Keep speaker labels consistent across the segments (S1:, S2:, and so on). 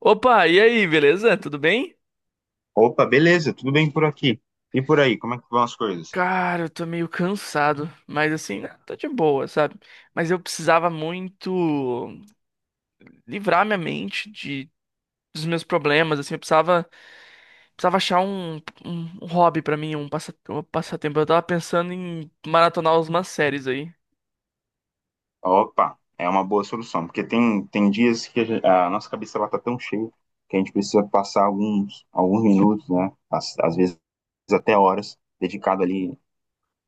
S1: Opa, e aí, beleza? Tudo bem?
S2: Opa, beleza, tudo bem por aqui. E por aí, como é que vão as coisas?
S1: Cara, eu tô meio cansado, mas assim, né, tô de boa, sabe? Mas eu precisava muito livrar minha mente de dos meus problemas, assim, precisava achar um hobby pra mim, um passatempo. Eu tava pensando em maratonar umas séries aí.
S2: Opa, é uma boa solução, porque tem dias que a nossa cabeça ela tá tão cheia que a gente precisa passar alguns minutos, né? Às vezes até horas, dedicado ali,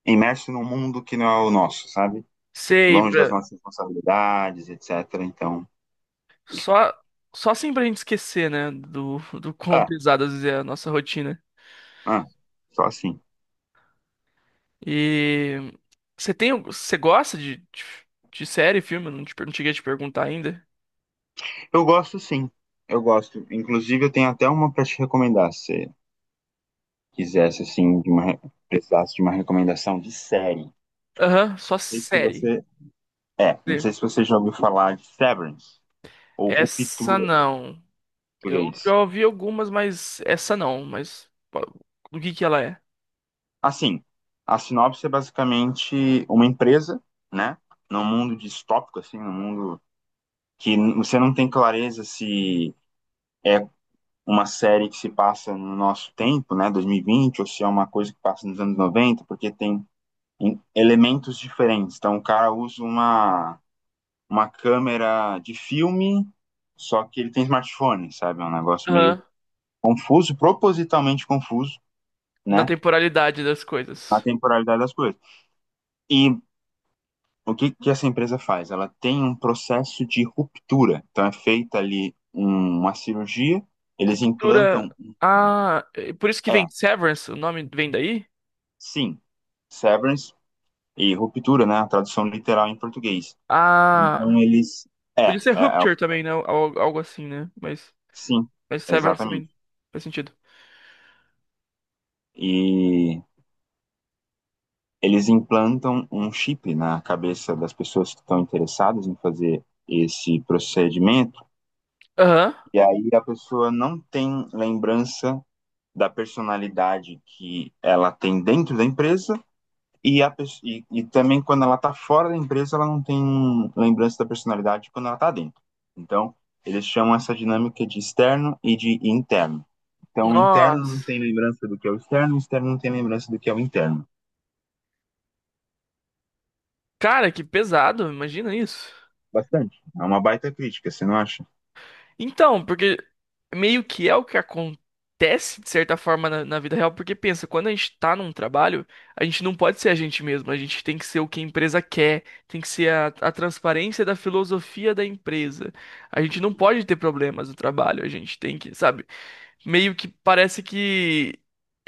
S2: imerso num mundo que não é o nosso, sabe?
S1: Sei,
S2: Longe das nossas responsabilidades, etc. Então,
S1: só só assim pra gente esquecer, né, do quão
S2: ah,
S1: pesado às vezes é a nossa rotina.
S2: ah, só assim.
S1: E você gosta de série, filme? Eu Não, te, per- Não cheguei a te perguntar ainda.
S2: Eu gosto sim, eu gosto. Inclusive, eu tenho até uma para te recomendar. Quisesse, assim, de uma, precisasse de uma recomendação de série. Não
S1: Aham, só
S2: sei se
S1: série.
S2: você. É, não
S1: Sim.
S2: sei se você já ouviu falar de Severance ou
S1: Essa
S2: Ruptura em
S1: não. Eu
S2: português.
S1: já ouvi algumas, mas essa não. Mas pô, do que ela é?
S2: Assim, a sinopse é basicamente uma empresa, né? Num mundo distópico, assim, num mundo que você não tem clareza se é uma série que se passa no nosso tempo, né, 2020, ou se é uma coisa que passa nos anos 90, porque tem elementos diferentes. Então, o cara usa uma câmera de filme, só que ele tem smartphone, sabe? É um negócio meio
S1: Aham,
S2: confuso, propositalmente confuso,
S1: na
S2: né?
S1: temporalidade das
S2: Na
S1: coisas.
S2: temporalidade das coisas. E o que essa empresa faz? Ela tem um processo de ruptura. Então é feita ali uma cirurgia, eles implantam.
S1: Dura. Ah, é por isso que vem
S2: É,
S1: Severance, o nome vem daí?
S2: sim, severance e ruptura, né? A tradução literal em português.
S1: Ah,
S2: Então eles. É,
S1: podia
S2: é,
S1: ser
S2: é
S1: Rupture também, né? Algo assim, né?
S2: sim,
S1: Mas Severance
S2: exatamente.
S1: também faz sentido.
S2: E eles implantam um chip na cabeça das pessoas que estão interessadas em fazer esse procedimento,
S1: Aham.
S2: e aí a pessoa não tem lembrança da personalidade que ela tem dentro da empresa, e, a, e também, quando ela está fora da empresa, ela não tem lembrança da personalidade quando ela está dentro. Então, eles chamam essa dinâmica de externo e de interno. Então, o interno não
S1: Nossa.
S2: tem lembrança do que é o externo não tem lembrança do que é o interno.
S1: Cara, que pesado, imagina isso.
S2: Bastante. É uma baita crítica, você não acha?
S1: Então, porque meio que é o que acontece, de certa forma, na vida real, porque pensa, quando a gente tá num trabalho, a gente não pode ser a gente mesmo, a gente tem que ser o que a empresa quer, tem que ser a transparência da filosofia da empresa. A gente não pode ter problemas no trabalho, a gente tem que, sabe? Meio que parece que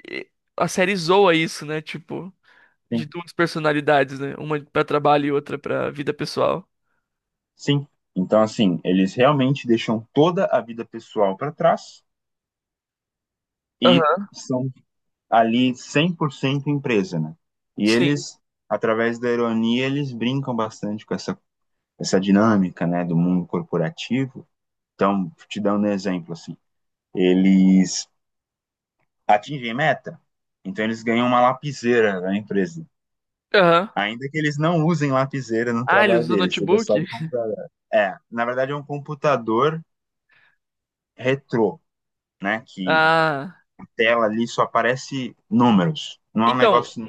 S1: eh, a série zoa isso, né? Tipo, de
S2: Sim,
S1: duas personalidades, né? Uma pra trabalho e outra pra vida pessoal.
S2: sim. Então, assim, eles realmente deixam toda a vida pessoal para trás e
S1: Aham,
S2: são ali 100% empresa, né? E
S1: sim.
S2: eles, através da ironia, eles brincam bastante com essa dinâmica, né, do mundo corporativo. Então, te dando um exemplo, assim, eles atingem meta, então eles ganham uma lapiseira da empresa.
S1: Aham.
S2: Ainda que eles não usem lapiseira no
S1: Ah, ele
S2: trabalho
S1: usa o
S2: deles, seja só
S1: notebook?
S2: do computador. É, na verdade é um computador retrô, né, que
S1: Ah.
S2: tela ali só aparece números. Não é um
S1: Então,
S2: negócio.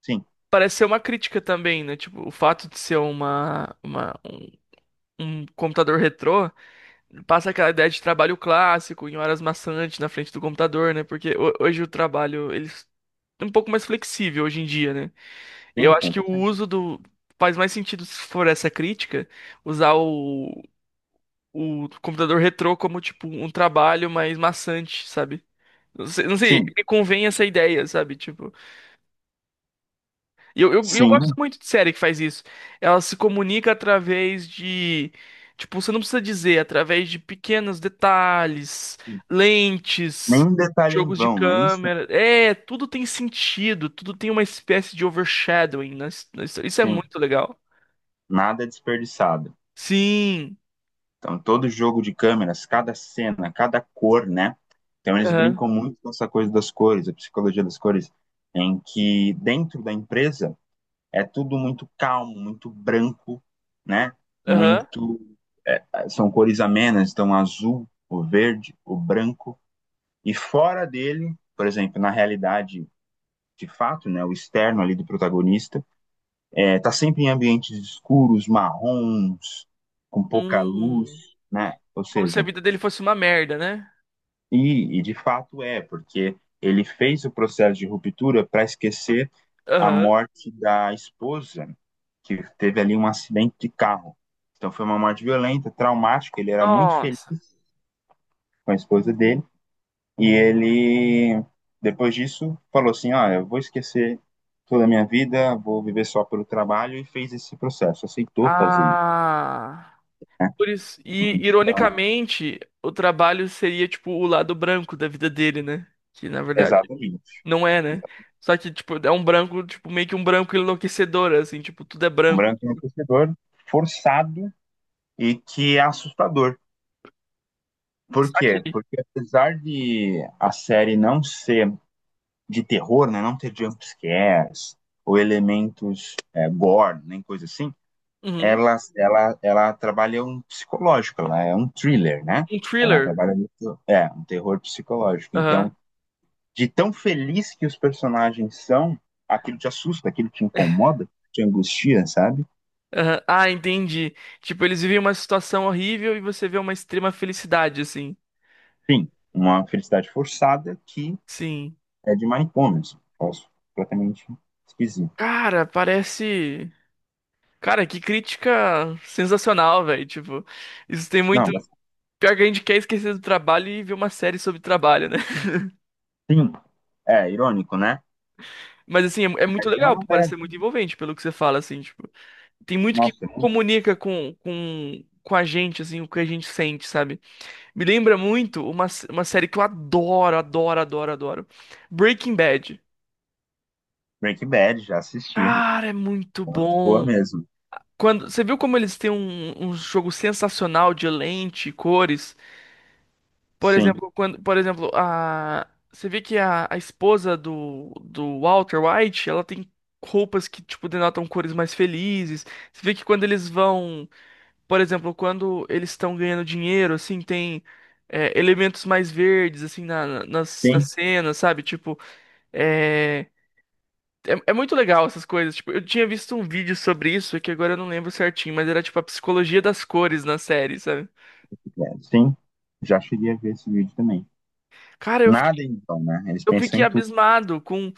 S2: Sim, sim,
S1: parece ser uma crítica também, né? Tipo, o fato de ser um computador retrô passa aquela ideia de trabalho clássico, em horas maçantes na frente do computador, né? Porque hoje o trabalho, ele é um pouco mais flexível hoje em dia, né? Eu acho que o
S2: 100%.
S1: uso do. Faz mais sentido, se for essa crítica, usar o computador retrô como, tipo, um trabalho mais maçante, sabe? Não sei, não sei,
S2: Sim,
S1: me convém essa ideia, sabe? Tipo. E eu gosto
S2: sim.
S1: muito de série que faz isso. Ela se comunica através de. Tipo, você não precisa dizer, através de pequenos detalhes,
S2: Sim.
S1: lentes,
S2: Nenhum detalhe em
S1: jogos de
S2: vão, não é isso?
S1: câmera. É, tudo tem sentido, tudo tem uma espécie de overshadowing na história. Isso é
S2: Sim.
S1: muito legal.
S2: Nada é desperdiçado.
S1: Sim.
S2: Então, todo jogo de câmeras, cada cena, cada cor, né? Então, eles
S1: Aham.
S2: brincam muito com essa coisa das cores, a psicologia das cores, em que dentro da empresa é tudo muito calmo, muito branco, né?
S1: Aham.
S2: Muito. São cores amenas, então azul, o verde, o branco. E fora dele, por exemplo, na realidade de fato, né, o externo ali do protagonista, tá sempre em ambientes escuros, marrons, com pouca luz,
S1: Hum.
S2: né? Ou
S1: Como se a
S2: seja,
S1: vida dele fosse uma merda, né?
S2: e de fato é, porque ele fez o processo de ruptura para esquecer a
S1: Aham.
S2: morte da esposa, que teve ali um acidente de carro. Então foi uma morte violenta, traumática, ele era muito feliz
S1: Nossa.
S2: com a esposa dele. E ele, depois disso, falou assim: ah, eu vou esquecer toda a minha vida, vou viver só pelo trabalho, e fez esse processo, aceitou fazer isso,
S1: Ah.
S2: né?
S1: atores, E,
S2: Então,
S1: ironicamente, o trabalho seria, tipo, o lado branco da vida dele, né? Que, na verdade,
S2: exatamente.
S1: não é, né? Só que, tipo, é um branco, tipo, meio que um branco enlouquecedor, assim, tipo, tudo é
S2: Um
S1: branco.
S2: branco é um torcedor forçado e que é assustador. Por quê?
S1: Saquei.
S2: Porque apesar de a série não ser de terror, né, não ter jumpscares ou elementos gore, nem coisa assim,
S1: Uhum.
S2: ela trabalha um psicológico, ela é um thriller, né?
S1: Um
S2: Ela
S1: thriller.
S2: trabalha muito, um terror psicológico. Então,
S1: Aham.
S2: de tão feliz que os personagens são, aquilo te assusta, aquilo te incomoda, te angustia, sabe?
S1: Aham. Ah, entendi. Tipo, eles vivem uma situação horrível e você vê uma extrema felicidade, assim.
S2: Sim, uma felicidade forçada, que
S1: Sim.
S2: é de manicômio, posso completamente esquisito.
S1: Cara, parece. Cara, que crítica sensacional, velho. Tipo, isso tem
S2: Não,
S1: muito.
S2: mas
S1: Pior que a gente quer esquecer do trabalho e ver uma série sobre trabalho, né?
S2: sim, é irônico, né?
S1: Mas assim, é muito
S2: Mas é
S1: legal,
S2: uma
S1: parece
S2: leve.
S1: ser muito envolvente pelo que você fala, assim, tipo, tem muito que
S2: Nossa, é um
S1: comunica com a gente, assim, o que a gente sente, sabe? Me lembra muito uma, uma série que eu adoro. Breaking Bad.
S2: Breaking Bad, já assisti.
S1: Cara, é muito
S2: Muito boa
S1: bom.
S2: mesmo.
S1: Quando, você viu como eles têm um jogo sensacional de lente, cores? Por
S2: Sim.
S1: exemplo, quando, por exemplo, a você vê que a esposa do Walter White, ela tem roupas que tipo denotam cores mais felizes. Você vê que quando eles vão, por exemplo, quando eles estão ganhando dinheiro, assim, tem elementos mais verdes assim nas
S2: Sim.
S1: cenas, sabe? Tipo, é, é muito legal essas coisas. Tipo, eu tinha visto um vídeo sobre isso que agora eu não lembro certinho, mas era tipo a psicologia das cores na série, sabe?
S2: É, sim, já cheguei a ver esse vídeo também.
S1: Cara,
S2: Nada então, né? Eles
S1: eu
S2: pensam
S1: fiquei
S2: em tudo.
S1: abismado com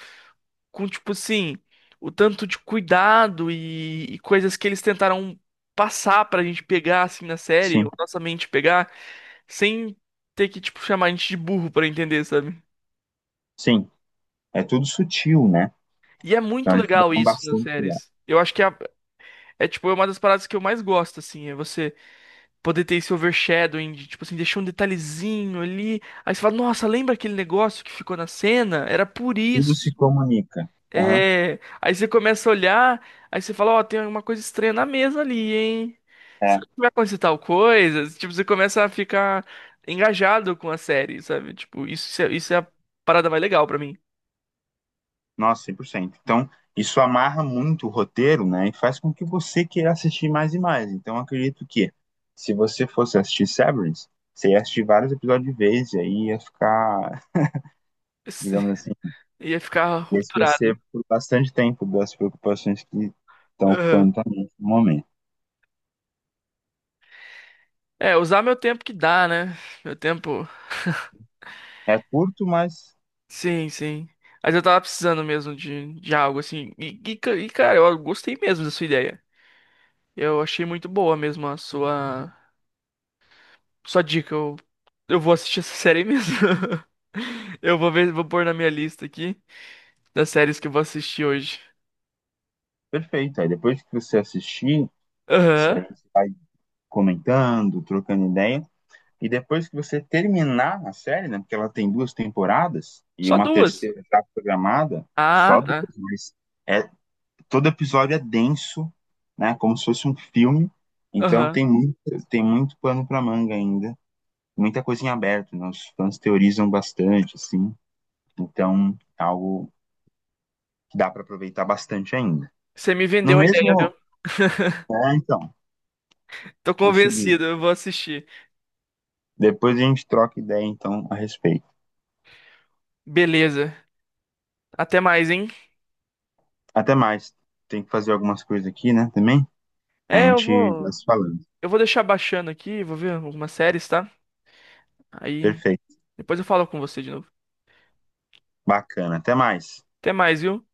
S1: com, tipo assim, o tanto de cuidado e coisas que eles tentaram passar pra gente pegar, assim, na série,
S2: Sim,
S1: ou nossa mente pegar, sem ter que, tipo, chamar a gente de burro pra entender, sabe?
S2: sim. É tudo sutil, né?
S1: E é
S2: Então
S1: muito
S2: eles
S1: legal
S2: dão
S1: isso nas
S2: bastante cuidado.
S1: séries. Eu acho que tipo, é uma das paradas que eu mais gosto, assim, é você poder ter esse overshadowing, de, tipo assim, deixar um detalhezinho ali, aí você fala, nossa, lembra aquele negócio que ficou na cena? Era por
S2: Tudo
S1: isso.
S2: se comunica. Aham.
S1: É, aí você começa a olhar, aí você fala, ó, tem alguma coisa estranha na mesa ali, hein?
S2: É.
S1: Será que vai acontecer tal coisa? Tipo, você começa a ficar engajado com a série, sabe? Tipo, isso, isso é a parada mais legal pra mim.
S2: Nossa, 100%. Então, isso amarra muito o roteiro, né? E faz com que você queira assistir mais e mais. Então, eu acredito que, se você fosse assistir Severance, você ia assistir vários episódios de vez e aí ia ficar, digamos assim,
S1: Ia ficar
S2: ia
S1: rupturado.
S2: esquecer por bastante tempo das preocupações que estão
S1: Aham.
S2: ocupando a mente no momento.
S1: É, usar meu tempo que dá, né? Meu tempo.
S2: É curto, mas
S1: Sim, sim. Mas eu tava precisando mesmo de algo assim. Cara, eu gostei mesmo da sua ideia. Eu achei muito boa mesmo a sua. Só dica, eu vou assistir essa série aí mesmo. Eu vou ver, vou pôr na minha lista aqui das séries que eu vou assistir hoje.
S2: perfeito. Aí depois que você assistir,
S1: Aham.
S2: a gente comentando, trocando ideia, e depois que você terminar a série, né, porque ela tem 2 temporadas e
S1: Só
S2: uma
S1: duas.
S2: terceira já programada,
S1: Ah,
S2: só 2,
S1: tá.
S2: mas é, todo episódio é denso, né, como se fosse um filme. Então
S1: Aham.
S2: tem muito pano para manga ainda, muita coisa em aberto, né? Os fãs teorizam bastante, assim. Então, é algo que dá para aproveitar bastante ainda.
S1: Você me
S2: No
S1: vendeu a ideia, viu?
S2: mesmo, então,
S1: Tô
S2: consegui.
S1: convencido, eu vou assistir.
S2: Depois a gente troca ideia, então, a respeito.
S1: Beleza. Até mais, hein?
S2: Até mais. Tem que fazer algumas coisas aqui, né, também? A
S1: É, eu
S2: gente vai
S1: vou.
S2: se falando.
S1: Eu vou deixar baixando aqui, vou ver algumas séries, tá? Aí
S2: Perfeito.
S1: depois eu falo com você de novo.
S2: Bacana. Até mais.
S1: Até mais, viu?